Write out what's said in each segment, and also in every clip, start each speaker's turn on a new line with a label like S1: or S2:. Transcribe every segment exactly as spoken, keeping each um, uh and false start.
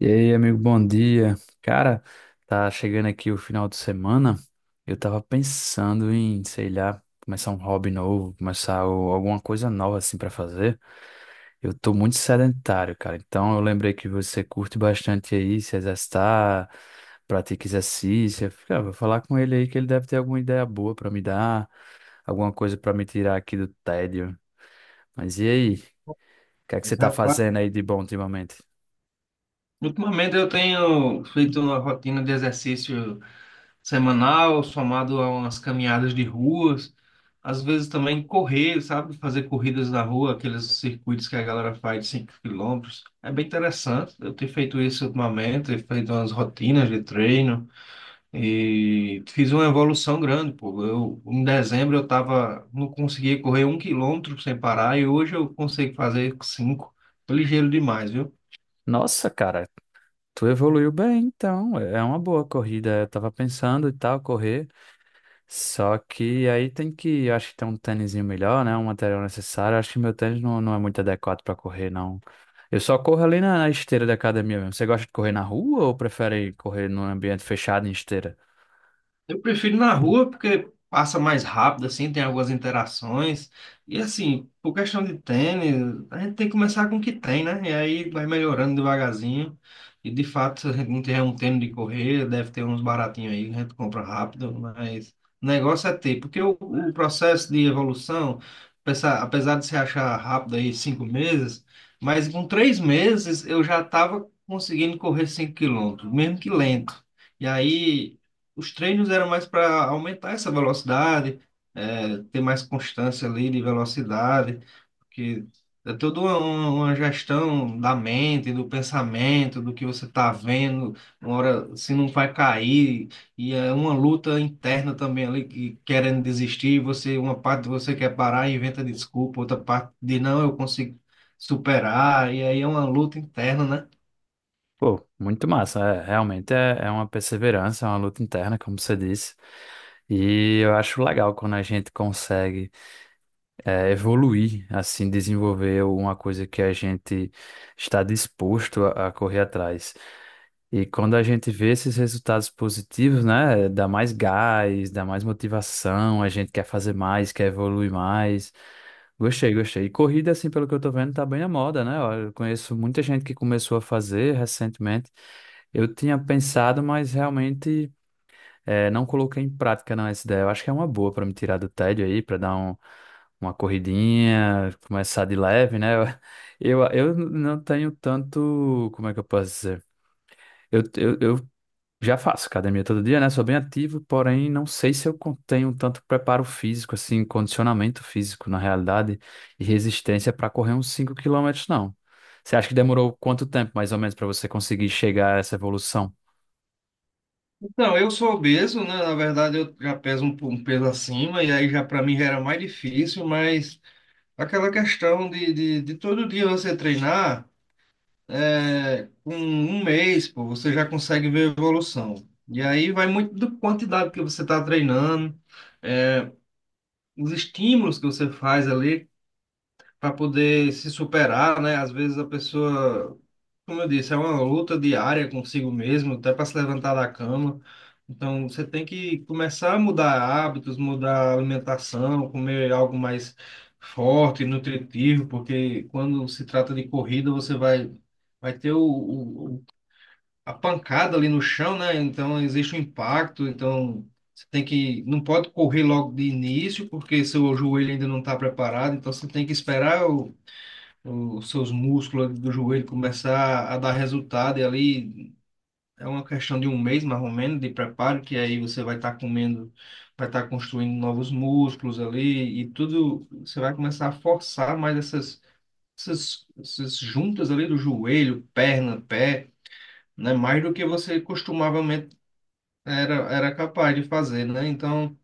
S1: E aí, amigo, bom dia. Cara, tá chegando aqui o final de semana. Eu tava pensando em, sei lá, começar um hobby novo, começar o- alguma coisa nova assim pra fazer. Eu tô muito sedentário, cara. Então eu lembrei que você curte bastante aí se exercitar, pratica exercício. Eu fiquei, ah, vou falar com ele aí que ele deve ter alguma ideia boa pra me dar, alguma coisa pra me tirar aqui do tédio. Mas e aí? O que é que você
S2: Mas,
S1: tá
S2: rapaz,
S1: fazendo aí de bom ultimamente?
S2: ultimamente eu tenho feito uma rotina de exercício semanal, somado a umas caminhadas de ruas, às vezes também correr, sabe? Fazer corridas na rua, aqueles circuitos que a galera faz de cinco quilômetros. É bem interessante. Eu tenho feito isso ultimamente, tenho feito umas rotinas de treino e fiz uma evolução grande, pô. Eu, em dezembro eu tava, não conseguia correr um quilômetro sem parar e hoje eu consigo fazer cinco. Tô ligeiro demais, viu?
S1: Nossa, cara. Tu evoluiu bem, então. É é uma boa corrida. Eu tava pensando e tal, correr. Só que aí tem que, eu acho que tem um tênisinho melhor, né? Um material necessário. Eu acho que meu tênis não, não é muito adequado pra correr, não. Eu só corro ali na, na esteira da academia mesmo. Você gosta de correr na rua ou prefere correr num ambiente fechado em esteira?
S2: Eu prefiro na rua porque passa mais rápido, assim, tem algumas interações. E assim, por questão de tênis, a gente tem que começar com o que tem, né? E aí vai melhorando devagarzinho. E de fato, a gente não tiver um tênis de correr, deve ter uns baratinhos aí, que a gente compra rápido, mas o negócio é ter, porque o, o processo de evolução, apesar apesar de se achar rápido aí cinco meses, mas com três meses eu já estava conseguindo correr cinco quilômetros, mesmo que lento. E aí os treinos eram mais para aumentar essa velocidade, é, ter mais constância ali de velocidade, porque é toda uma, uma gestão da mente, do pensamento, do que você está vendo, uma hora se não vai cair, e é uma luta interna também ali, que querendo desistir, você, uma parte de você quer parar e inventa desculpa, outra parte de não, eu consigo superar, e aí é uma luta interna, né?
S1: Pô, muito massa. É, realmente é, é uma perseverança, é uma luta interna, como você disse. E eu acho legal quando a gente consegue. É, evoluir, assim, desenvolver uma coisa que a gente está disposto a, a correr atrás. E quando a gente vê esses resultados positivos, né, dá mais gás, dá mais motivação, a gente quer fazer mais, quer evoluir mais. Gostei, gostei. E corrida, assim, pelo que eu tô vendo, tá bem na moda, né? Olha, eu conheço muita gente que começou a fazer recentemente. Eu tinha pensado, mas realmente. É, não coloquei em prática não essa ideia. Eu acho que é uma boa para me tirar do tédio aí, para dar um, uma corridinha, começar de leve, né? Eu, eu eu não tenho tanto, como é que eu posso dizer? Eu, eu, eu já faço academia todo dia, né? Sou bem ativo, porém não sei se eu con- tenho tanto preparo físico, assim, condicionamento físico, na realidade, e resistência para correr uns cinco quilômetros não. Você acha que demorou quanto tempo, mais ou menos, para você conseguir chegar a essa evolução?
S2: Então, eu sou obeso, né? Na verdade, eu já peso um, um peso acima, e aí já para mim já era mais difícil, mas aquela questão de, de, de todo dia você treinar, é, com um mês, pô, você já consegue ver evolução. E aí vai muito da quantidade que você está treinando, eh, os estímulos que você faz ali para poder se superar, né? Às vezes a pessoa, como eu disse, é uma luta diária consigo mesmo, até para se levantar da cama. Então você tem que começar a mudar hábitos, mudar a alimentação, comer algo mais forte, nutritivo, porque quando se trata de corrida, você vai vai ter o, o- o- a pancada ali no chão, né? Então existe um impacto, então você tem que, não pode correr logo de início, porque seu joelho ainda não está preparado, então você tem que esperar os seus músculos ali do joelho começar a dar resultado, e ali é uma questão de um mês mais ou menos de preparo, que aí você vai estar comendo, vai estar construindo novos músculos ali, e tudo, você vai começar a forçar mais essas, essas, essas juntas ali do joelho, perna, pé, né? Mais do que você costumavamente era, era capaz de fazer, né? Então,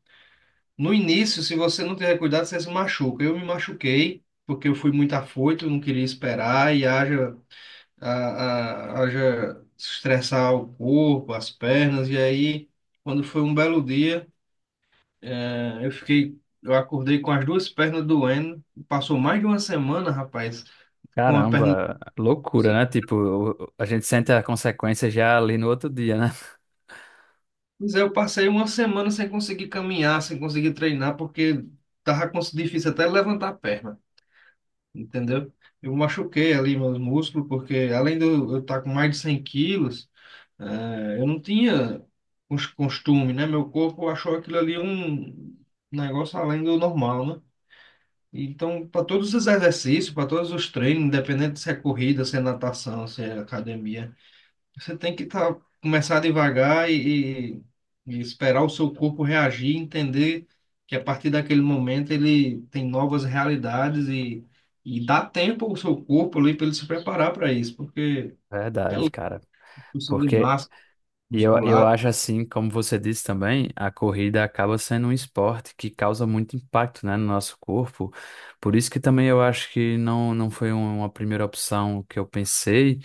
S2: no início, se você não tiver cuidado, você se machuca. Eu me machuquei. Porque eu fui muito afoito, não queria esperar, e haja a, a, haja estressar o corpo, as pernas, e aí, quando foi um belo dia, eh, eu fiquei, eu acordei com as duas pernas doendo, passou mais de uma semana, rapaz, com a perna.
S1: Caramba, loucura, né? Tipo, o- a gente sente a consequência já ali no outro dia, né?
S2: Pois é, eu passei uma semana sem conseguir caminhar, sem conseguir treinar, porque tava cons- difícil até levantar a perna. Entendeu? Eu machuquei ali meus músculos, porque além de eu eu estar com mais de cem quilos, eh, eu não tinha cos- costume, né? Meu corpo achou aquilo ali um negócio além do normal, né? Então, para todos os exercícios, para todos os treinos, independente se é corrida, se é natação, se é academia, você tem que tá, começar devagar e, e- e esperar o seu corpo reagir, entender que a partir daquele momento ele tem novas realidades e, e dá tempo ao seu corpo ali para ele se preparar para isso, porque é
S1: Verdade, cara.
S2: construção de
S1: Porque
S2: massa
S1: e eu, eu
S2: muscular,
S1: acho assim, como você disse também, a corrida acaba sendo um esporte que causa muito impacto, né, no nosso corpo. Por isso que também eu acho que não, não foi uma primeira opção que eu pensei.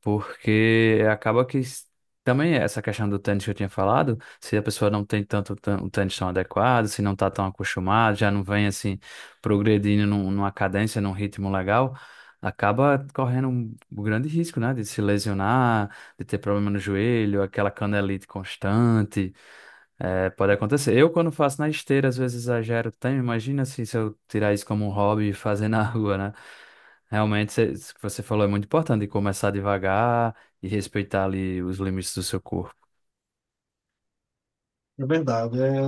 S1: Porque acaba que s- também essa questão do tênis que eu tinha falado, se a pessoa não tem tanto tã- um tênis tão adequado, se não está tão acostumado, já não vem assim progredindo num- numa cadência, num ritmo legal, acaba correndo um grande risco, né, de se lesionar, de ter problema no joelho, aquela canelite constante. É, pode acontecer. Eu, quando faço na esteira, às vezes exagero também. Imagina assim, se eu tirar isso como um hobby e fazer na rua, né? Realmente, cê- isso que você falou é muito importante, de começar devagar e respeitar ali os limites do seu corpo.
S2: é verdade. É,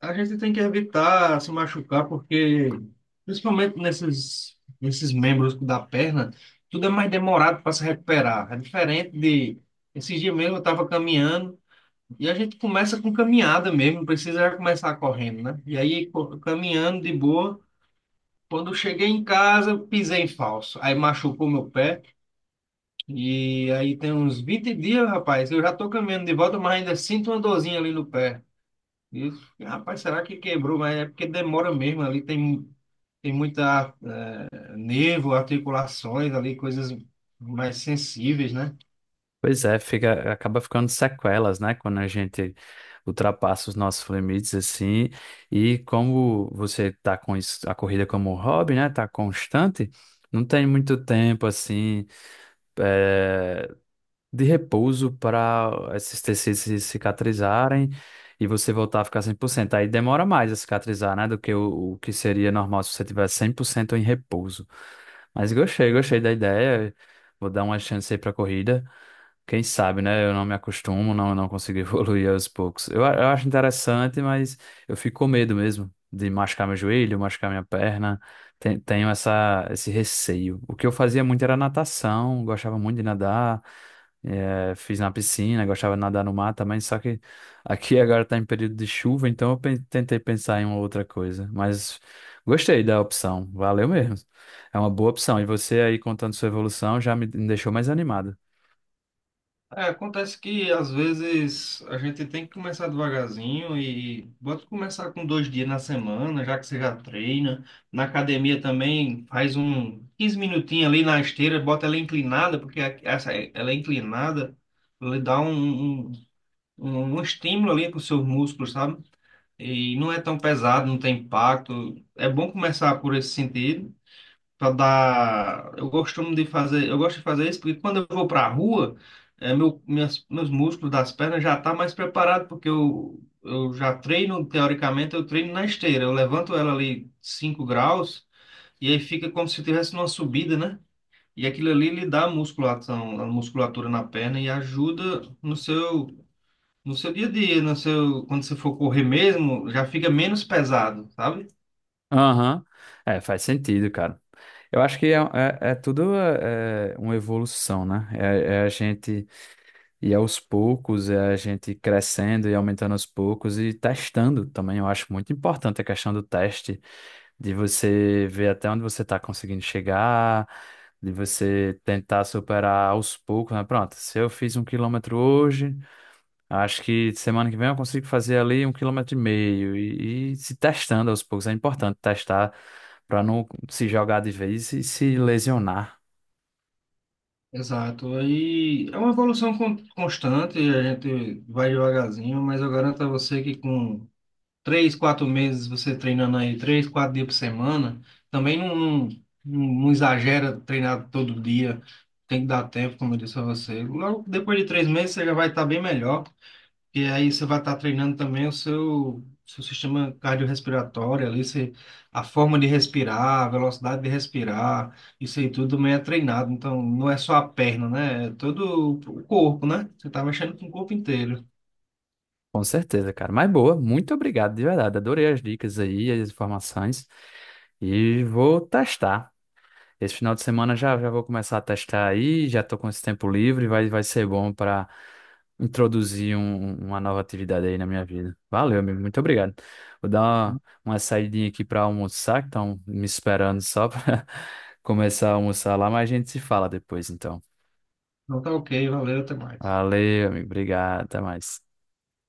S2: a gente tem que evitar se machucar, porque principalmente nesses, nesses membros da perna, tudo é mais demorado para se recuperar. É diferente de. Esses dias mesmo eu estava caminhando. E a gente começa com caminhada mesmo, não precisa já começar correndo, né? E aí, co- caminhando de boa, quando eu cheguei em casa, eu pisei em falso. Aí machucou meu pé. E aí tem uns vinte dias, rapaz, eu já tô caminhando de volta, mas ainda sinto uma dorzinha ali no pé. E eu, rapaz, será que quebrou? Mas é porque demora mesmo, ali tem, tem muita eh, nervo, articulações ali, coisas mais sensíveis, né?
S1: Pois é, fica, acaba ficando sequelas, né? Quando a gente ultrapassa os nossos limites, assim. E como você tá com isso- a corrida como um hobby, né? Tá constante, não tem muito tempo, assim, é, de repouso para esses tecidos se cicatrizarem e você voltar a ficar cem por cento. Aí demora mais a cicatrizar, né, do que o, o que seria normal se você tivesse cem por cento em repouso. Mas gostei, gostei da ideia. Vou dar uma chance aí para corrida. Quem sabe, né? Eu não me acostumo, não, não consigo evoluir aos poucos. Eu, a- eu acho interessante, mas eu fico com medo mesmo de machucar meu joelho, machucar minha perna. Ten- Tenho essa, esse receio. O que eu fazia muito era natação, gostava muito de nadar. eh, fiz na piscina, gostava de nadar no mar também, só que aqui agora está em período de chuva, então eu pen- tentei pensar em uma outra coisa. Mas gostei da opção, valeu mesmo. É uma boa opção. E você aí contando sua evolução já me deixou mais animado.
S2: É, acontece que às vezes a gente tem que começar devagarzinho e bota começar com dois dias na semana, já que você já treina. Na academia também faz um quinze minutinhos ali na esteira, bota ela inclinada, porque a- essa, ela é inclinada, ela dá um, um, um um estímulo ali para os seus músculos, sabe? E não é tão pesado, não tem impacto. É bom começar por esse sentido para dar. Eu costumo de fazer, eu gosto de fazer isso porque quando eu vou para a rua, é, meu, minhas, meus músculos das pernas já tá mais preparado porque eu, eu já treino, teoricamente, eu treino na esteira. Eu levanto ela ali cinco graus e aí fica como se tivesse uma subida, né? E aquilo ali lhe dá musculação, a musculatura na perna e ajuda no seu, no seu dia a dia, no seu, quando você for correr mesmo, já fica menos pesado, sabe?
S1: Aham. É, faz sentido, cara. Eu acho que é, é- é tudo é uma evolução, né? É, é a gente ir aos poucos, é a gente crescendo e aumentando aos poucos e testando também. Eu acho muito importante a questão do teste, de você ver até onde você está conseguindo chegar, de você tentar superar aos poucos, né? Pronto, se eu fiz um quilômetro hoje. Acho que semana que vem eu consigo fazer ali um quilômetro e meio e, e se testando aos poucos. É importante testar para não se jogar de vez e se lesionar.
S2: Exato. Aí é uma evolução con- constante, a gente vai devagarzinho, mas eu garanto a você que com três, quatro meses você treinando aí, três, quatro dias por semana, também não, não, não- exagera treinar todo dia, tem que dar tempo, como eu disse a você. Logo depois de três meses você já vai estar bem melhor. E aí você vai estar treinando também o seu, seu sistema cardiorrespiratório ali, você, a forma de respirar, a velocidade de respirar, isso aí tudo meio é treinado. Então, não é só a perna, né? É todo o corpo, né? Você tá mexendo com o corpo inteiro.
S1: Com certeza, cara. Mas boa, muito obrigado de verdade. Adorei as dicas aí, as informações. E vou testar. Esse final de semana já, já vou começar a testar aí, já estou com esse tempo livre, vai, vai ser bom para introduzir um- uma nova atividade aí na minha vida. Valeu, amigo, muito obrigado. Vou dar uma, uma saidinha aqui para almoçar, que estão me esperando só para começar a almoçar lá, mas a gente se fala depois, então.
S2: Então tá ok, valeu, até mais.
S1: Valeu, amigo, obrigado, até mais.